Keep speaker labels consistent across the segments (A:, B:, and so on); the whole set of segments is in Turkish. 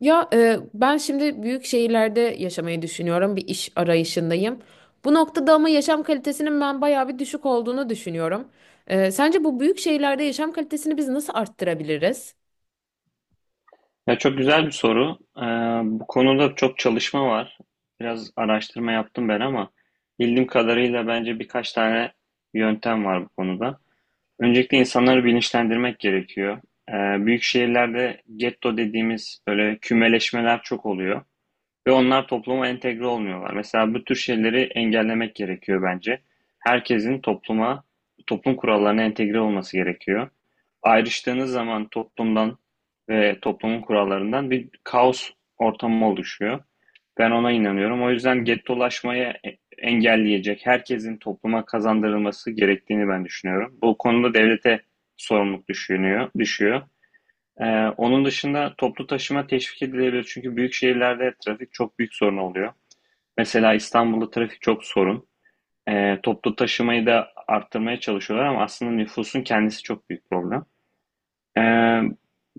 A: Ben şimdi büyük şehirlerde yaşamayı düşünüyorum. Bir iş arayışındayım. Bu noktada ama yaşam kalitesinin ben bayağı bir düşük olduğunu düşünüyorum. Sence bu büyük şehirlerde yaşam kalitesini biz nasıl arttırabiliriz?
B: Ya çok güzel bir soru. Bu konuda çok çalışma var. Biraz araştırma yaptım ben ama bildiğim kadarıyla bence birkaç tane yöntem var bu konuda. Öncelikle insanları bilinçlendirmek gerekiyor. Büyük şehirlerde getto dediğimiz böyle kümeleşmeler çok oluyor. Ve onlar topluma entegre olmuyorlar. Mesela bu tür şeyleri engellemek gerekiyor bence. Herkesin topluma, toplum kurallarına entegre olması gerekiyor. Ayrıştığınız zaman toplumdan ve toplumun kurallarından bir kaos ortamı oluşuyor. Ben ona inanıyorum. O yüzden gettolaşmayı engelleyecek herkesin topluma kazandırılması gerektiğini ben düşünüyorum. Bu konuda devlete düşüyor. Onun dışında toplu taşıma teşvik edilebilir. Çünkü büyük şehirlerde trafik çok büyük sorun oluyor. Mesela İstanbul'da trafik çok sorun. Toplu taşımayı da arttırmaya çalışıyorlar ama aslında nüfusun kendisi çok büyük problem. Ee,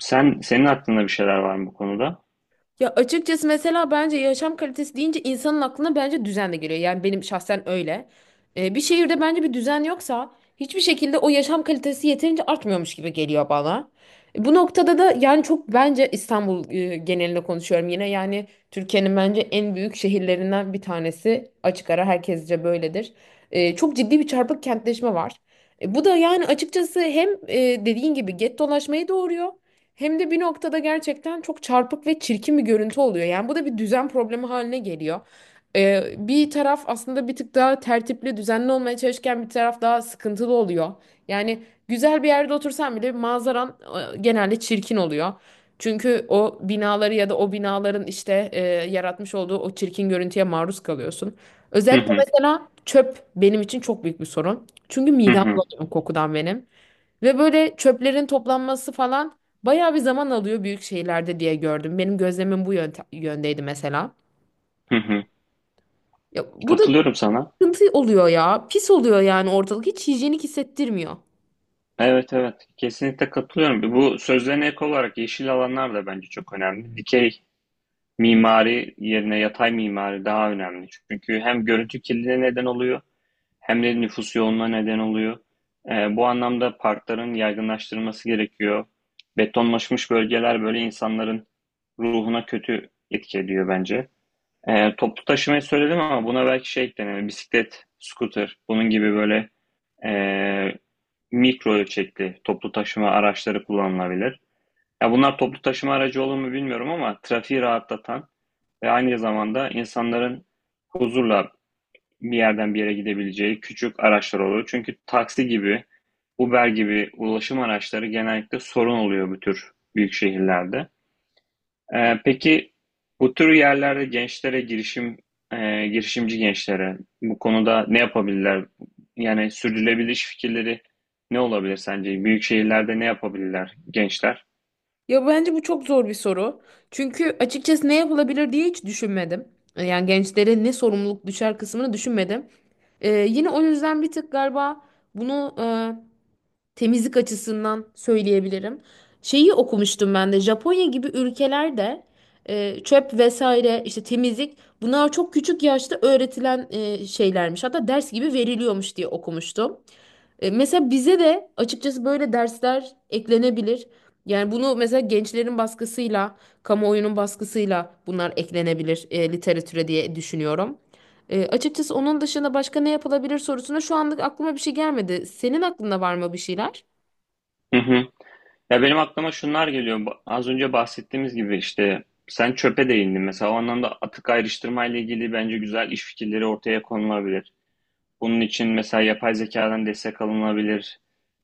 B: senin aklında bir şeyler var mı bu konuda?
A: Ya açıkçası mesela bence yaşam kalitesi deyince insanın aklına bence düzen de geliyor. Yani benim şahsen öyle. Bir şehirde bence bir düzen yoksa hiçbir şekilde o yaşam kalitesi yeterince artmıyormuş gibi geliyor bana. Bu noktada da yani çok bence İstanbul genelinde konuşuyorum yine. Yani Türkiye'nin bence en büyük şehirlerinden bir tanesi. Açık ara herkesce böyledir. Çok ciddi bir çarpık kentleşme var. Bu da yani açıkçası hem dediğin gibi get dolaşmayı doğuruyor. Hem de bir noktada gerçekten çok çarpık ve çirkin bir görüntü oluyor. Yani bu da bir düzen problemi haline geliyor. Bir taraf aslında bir tık daha tertipli, düzenli olmaya çalışırken bir taraf daha sıkıntılı oluyor. Yani güzel bir yerde otursan bile manzaran genelde çirkin oluyor. Çünkü o binaları ya da o binaların işte yaratmış olduğu o çirkin görüntüye maruz kalıyorsun.
B: Hı
A: Özellikle
B: hı,
A: mesela çöp benim için çok büyük bir sorun. Çünkü
B: hı
A: midem
B: hı,
A: bulanıyor kokudan benim. Ve böyle çöplerin toplanması falan bayağı bir zaman alıyor büyük şehirlerde diye gördüm. Benim gözlemim bu yöndeydi mesela.
B: hı hı.
A: Ya, bu da
B: Katılıyorum sana.
A: sıkıntı oluyor ya. Pis oluyor yani ortalık. Hiç hijyenik hissettirmiyor.
B: Evet, evet, kesinlikle katılıyorum. Bu sözlerine ek olarak yeşil alanlar da bence çok önemli. Dikey mimari yerine yatay mimari daha önemli. Çünkü hem görüntü kirliliğine neden oluyor hem de nüfus yoğunluğuna neden oluyor. Bu anlamda parkların yaygınlaştırılması gerekiyor. Betonlaşmış bölgeler böyle insanların ruhuna kötü etki ediyor bence. Toplu taşımayı söyledim ama buna belki şey eklenir. Bisiklet, scooter, bunun gibi böyle eee, mikro ölçekli toplu taşıma araçları kullanılabilir. Ya bunlar toplu taşıma aracı olur mu bilmiyorum ama trafiği rahatlatan ve aynı zamanda insanların huzurla bir yerden bir yere gidebileceği küçük araçlar oluyor. Çünkü taksi gibi, Uber gibi ulaşım araçları genellikle sorun oluyor bu tür büyük şehirlerde. Peki bu tür yerlerde gençlere girişim, girişimci gençlere bu konuda ne yapabilirler? Yani sürdürülebilir iş fikirleri ne olabilir sence? Büyük şehirlerde ne yapabilirler gençler?
A: Ya bence bu çok zor bir soru. Çünkü açıkçası ne yapılabilir diye hiç düşünmedim. Yani gençlere ne sorumluluk düşer kısmını düşünmedim. Yine o yüzden bir tık galiba bunu temizlik açısından söyleyebilirim. Şeyi okumuştum ben de Japonya gibi ülkelerde çöp vesaire işte temizlik bunlar çok küçük yaşta öğretilen şeylermiş. Hatta ders gibi veriliyormuş diye okumuştum. Mesela bize de açıkçası böyle dersler eklenebilir. Yani bunu mesela gençlerin baskısıyla, kamuoyunun baskısıyla bunlar eklenebilir literatüre diye düşünüyorum. Açıkçası onun dışında başka ne yapılabilir sorusuna şu anlık aklıma bir şey gelmedi. Senin aklında var mı bir şeyler?
B: Hı hı. Ya benim aklıma şunlar geliyor. Az önce bahsettiğimiz gibi işte sen çöpe değindin. Mesela o anlamda atık ayrıştırma ile ilgili bence güzel iş fikirleri ortaya konulabilir. Bunun için mesela yapay zekadan destek alınabilir.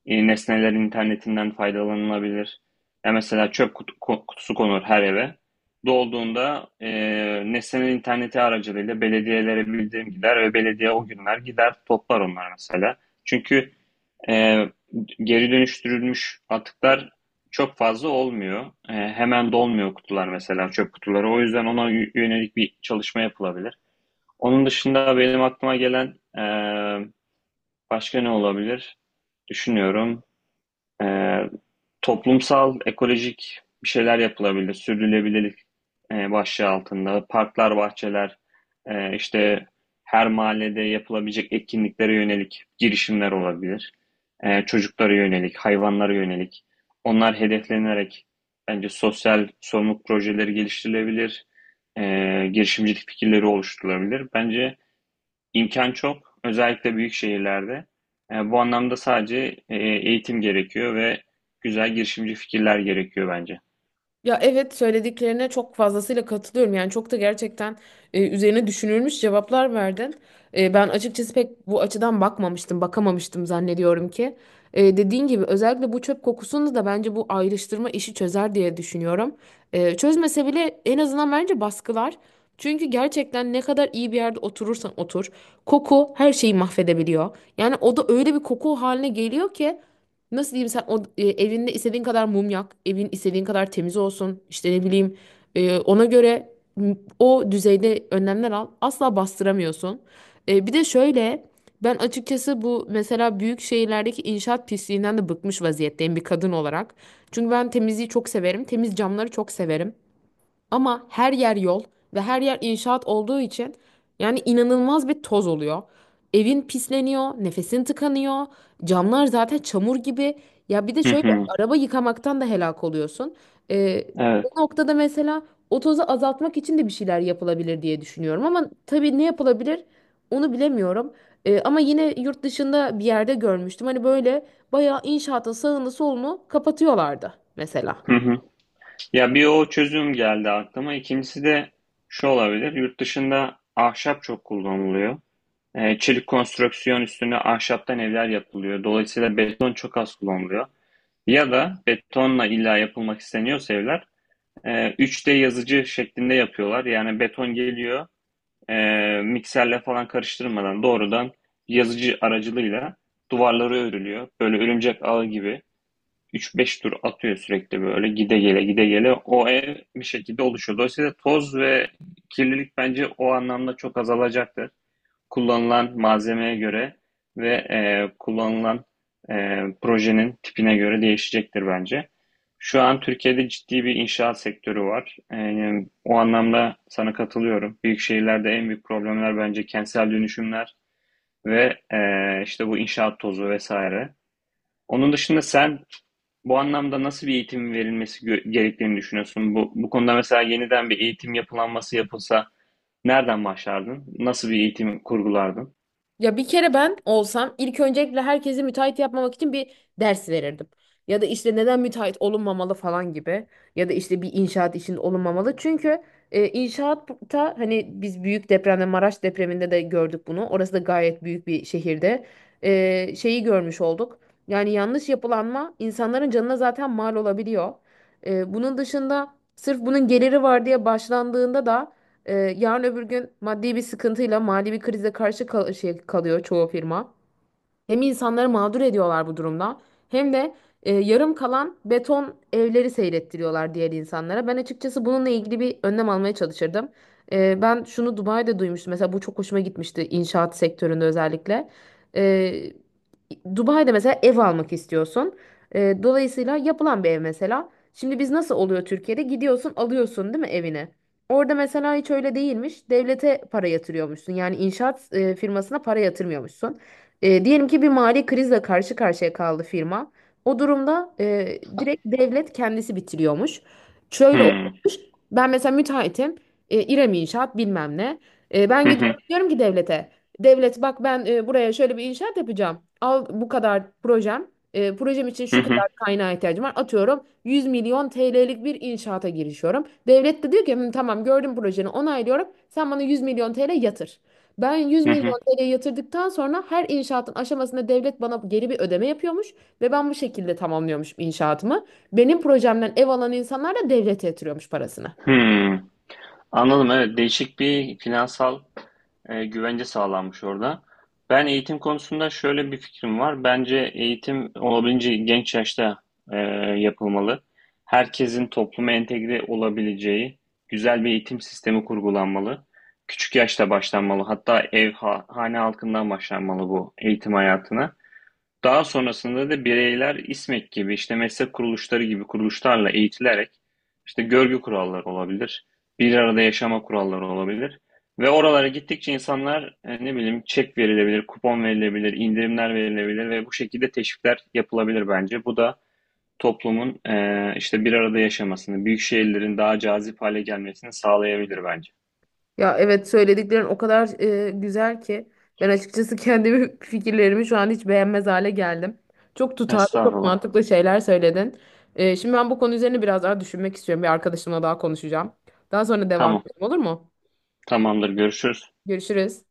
B: Nesneler internetinden faydalanılabilir. Ya mesela çöp kutusu konur her eve. Dolduğunda nesneler interneti aracılığıyla belediyelere bildirim gider ve belediye o günler gider toplar onlar mesela. Çünkü ee, geri dönüştürülmüş atıklar çok fazla olmuyor. Hemen dolmuyor kutular, mesela çöp kutuları. O yüzden ona yönelik bir çalışma yapılabilir. Onun dışında benim aklıma gelen başka ne olabilir? Düşünüyorum. Eee, Toplumsal, ekolojik bir şeyler yapılabilir. Sürdürülebilirlik başlığı altında. Parklar, bahçeler, işte her mahallede yapılabilecek etkinliklere yönelik girişimler olabilir. Çocuklara yönelik, hayvanlara yönelik. Onlar hedeflenerek bence sosyal sorumluluk projeleri geliştirilebilir. Girişimcilik fikirleri oluşturulabilir. Bence İmkan çok, özellikle büyük şehirlerde. Bu anlamda sadece eğitim gerekiyor ve güzel girişimci fikirler gerekiyor bence.
A: Ya evet, söylediklerine çok fazlasıyla katılıyorum. Yani çok da gerçekten üzerine düşünülmüş cevaplar verdin. Ben açıkçası pek bu açıdan bakmamıştım, bakamamıştım zannediyorum ki. Dediğin gibi özellikle bu çöp kokusunu da bence bu ayrıştırma işi çözer diye düşünüyorum. Çözmese bile en azından bence baskılar. Çünkü gerçekten ne kadar iyi bir yerde oturursan otur, koku her şeyi mahvedebiliyor. Yani o da öyle bir koku haline geliyor ki nasıl diyeyim, sen o evinde istediğin kadar mum yak, evin istediğin kadar temiz olsun. İşte ne bileyim, ona göre o düzeyde önlemler al. Asla bastıramıyorsun. Bir de şöyle, ben açıkçası bu mesela büyük şehirlerdeki inşaat pisliğinden de bıkmış vaziyetteyim bir kadın olarak. Çünkü ben temizliği çok severim. Temiz camları çok severim. Ama her yer yol ve her yer inşaat olduğu için yani inanılmaz bir toz oluyor. Evin pisleniyor, nefesin tıkanıyor, camlar zaten çamur gibi. Ya bir de
B: Hı
A: şöyle,
B: hı.
A: araba yıkamaktan da helak oluyorsun. Ee,
B: Evet.
A: Bu noktada mesela o tozu azaltmak için de bir şeyler yapılabilir diye düşünüyorum. Ama tabii ne yapılabilir onu bilemiyorum. Ama yine yurt dışında bir yerde görmüştüm. Hani böyle bayağı inşaatın sağını solunu kapatıyorlardı mesela.
B: Hı hı. Ya bir o çözüm geldi aklıma. İkincisi de şu olabilir. Yurt dışında ahşap çok kullanılıyor. Çelik konstrüksiyon üstüne ahşaptan evler yapılıyor. Dolayısıyla beton çok az kullanılıyor. Ya da betonla illa yapılmak isteniyorsa evler 3D yazıcı şeklinde yapıyorlar. Yani beton geliyor. Mikserle falan karıştırmadan doğrudan yazıcı aracılığıyla duvarları örülüyor. Böyle örümcek ağı gibi 3-5 tur atıyor sürekli, böyle gide gele gide gele o ev bir şekilde oluşuyor. Dolayısıyla toz ve kirlilik bence o anlamda çok azalacaktır. Kullanılan malzemeye göre ve kullanılan projenin tipine göre değişecektir bence. Şu an Türkiye'de ciddi bir inşaat sektörü var. O anlamda sana katılıyorum. Büyük şehirlerde en büyük problemler bence kentsel dönüşümler ve işte bu inşaat tozu vesaire. Onun dışında sen bu anlamda nasıl bir eğitimin verilmesi gerektiğini düşünüyorsun? Bu konuda mesela yeniden bir eğitim yapılanması yapılsa nereden başlardın? Nasıl bir eğitim kurgulardın?
A: Ya bir kere ben olsam ilk öncelikle herkesi müteahhit yapmamak için bir ders verirdim. Ya da işte neden müteahhit olunmamalı falan gibi. Ya da işte bir inşaat işinde olunmamalı. Çünkü inşaatta hani biz büyük depremde, Maraş depreminde de gördük bunu. Orası da gayet büyük bir şehirde. Şeyi görmüş olduk. Yani yanlış yapılanma insanların canına zaten mal olabiliyor. Bunun dışında sırf bunun geliri var diye başlandığında da yarın öbür gün maddi bir sıkıntıyla mali bir krize karşı kalıyor çoğu firma. Hem insanları mağdur ediyorlar bu durumda hem de yarım kalan beton evleri seyrettiriyorlar diğer insanlara. Ben açıkçası bununla ilgili bir önlem almaya çalışırdım. Ben şunu Dubai'de duymuştum. Mesela bu çok hoşuma gitmişti inşaat sektöründe özellikle. E, Dubai'de mesela ev almak istiyorsun. Dolayısıyla yapılan bir ev mesela. Şimdi biz nasıl oluyor Türkiye'de? Gidiyorsun alıyorsun değil mi evini? Orada mesela hiç öyle değilmiş. Devlete para yatırıyormuşsun. Yani inşaat firmasına para yatırmıyormuşsun. Diyelim ki bir mali krizle karşı karşıya kaldı firma. O durumda direkt devlet kendisi bitiriyormuş. Şöyle
B: Hmm.
A: olmuş. Ben mesela müteahhitim. İrem İnşaat bilmem ne. Ben
B: Hı hı,
A: gidiyorum diyorum ki devlete. Devlet, bak ben, buraya şöyle bir inşaat yapacağım. Al bu kadar projem. Projem için
B: hı
A: şu
B: hı,
A: kadar kaynağa ihtiyacım var. Atıyorum 100 milyon TL'lik bir inşaata girişiyorum. Devlet de diyor ki "Hı, tamam, gördüm projeni, onaylıyorum. Sen bana 100 milyon TL yatır. Ben 100
B: hı hı.
A: milyon TL'ye yatırdıktan sonra her inşaatın aşamasında devlet bana geri bir ödeme yapıyormuş ve ben bu şekilde tamamlıyormuş inşaatımı. Benim projemden ev alan insanlar da devlete yatırıyormuş parasını.
B: Hıı. Anladım. Evet, değişik bir finansal güvence sağlanmış orada. Ben eğitim konusunda şöyle bir fikrim var. Bence eğitim olabildiğince genç yaşta e, yapılmalı. Herkesin topluma entegre olabileceği güzel bir eğitim sistemi kurgulanmalı. Küçük yaşta başlanmalı. Hatta ev, hane halkından başlanmalı bu eğitim hayatına. Daha sonrasında da bireyler İSMEK gibi, işte meslek kuruluşları gibi kuruluşlarla eğitilerek işte görgü kuralları olabilir, bir arada yaşama kuralları olabilir. Ve oralara gittikçe insanlar ne bileyim çek verilebilir, kupon verilebilir, indirimler verilebilir ve bu şekilde teşvikler yapılabilir bence. Bu da toplumun işte bir arada yaşamasını, büyük şehirlerin daha cazip hale gelmesini sağlayabilir bence.
A: Ya evet, söylediklerin o kadar güzel ki ben açıkçası kendi fikirlerimi şu an hiç beğenmez hale geldim. Çok tutarlı, çok
B: Estağfurullah.
A: mantıklı şeyler söyledin. Şimdi ben bu konu üzerine biraz daha düşünmek istiyorum. Bir arkadaşımla daha konuşacağım. Daha sonra devam
B: Tamam.
A: edelim, olur mu?
B: Tamamdır. Görüşürüz.
A: Görüşürüz.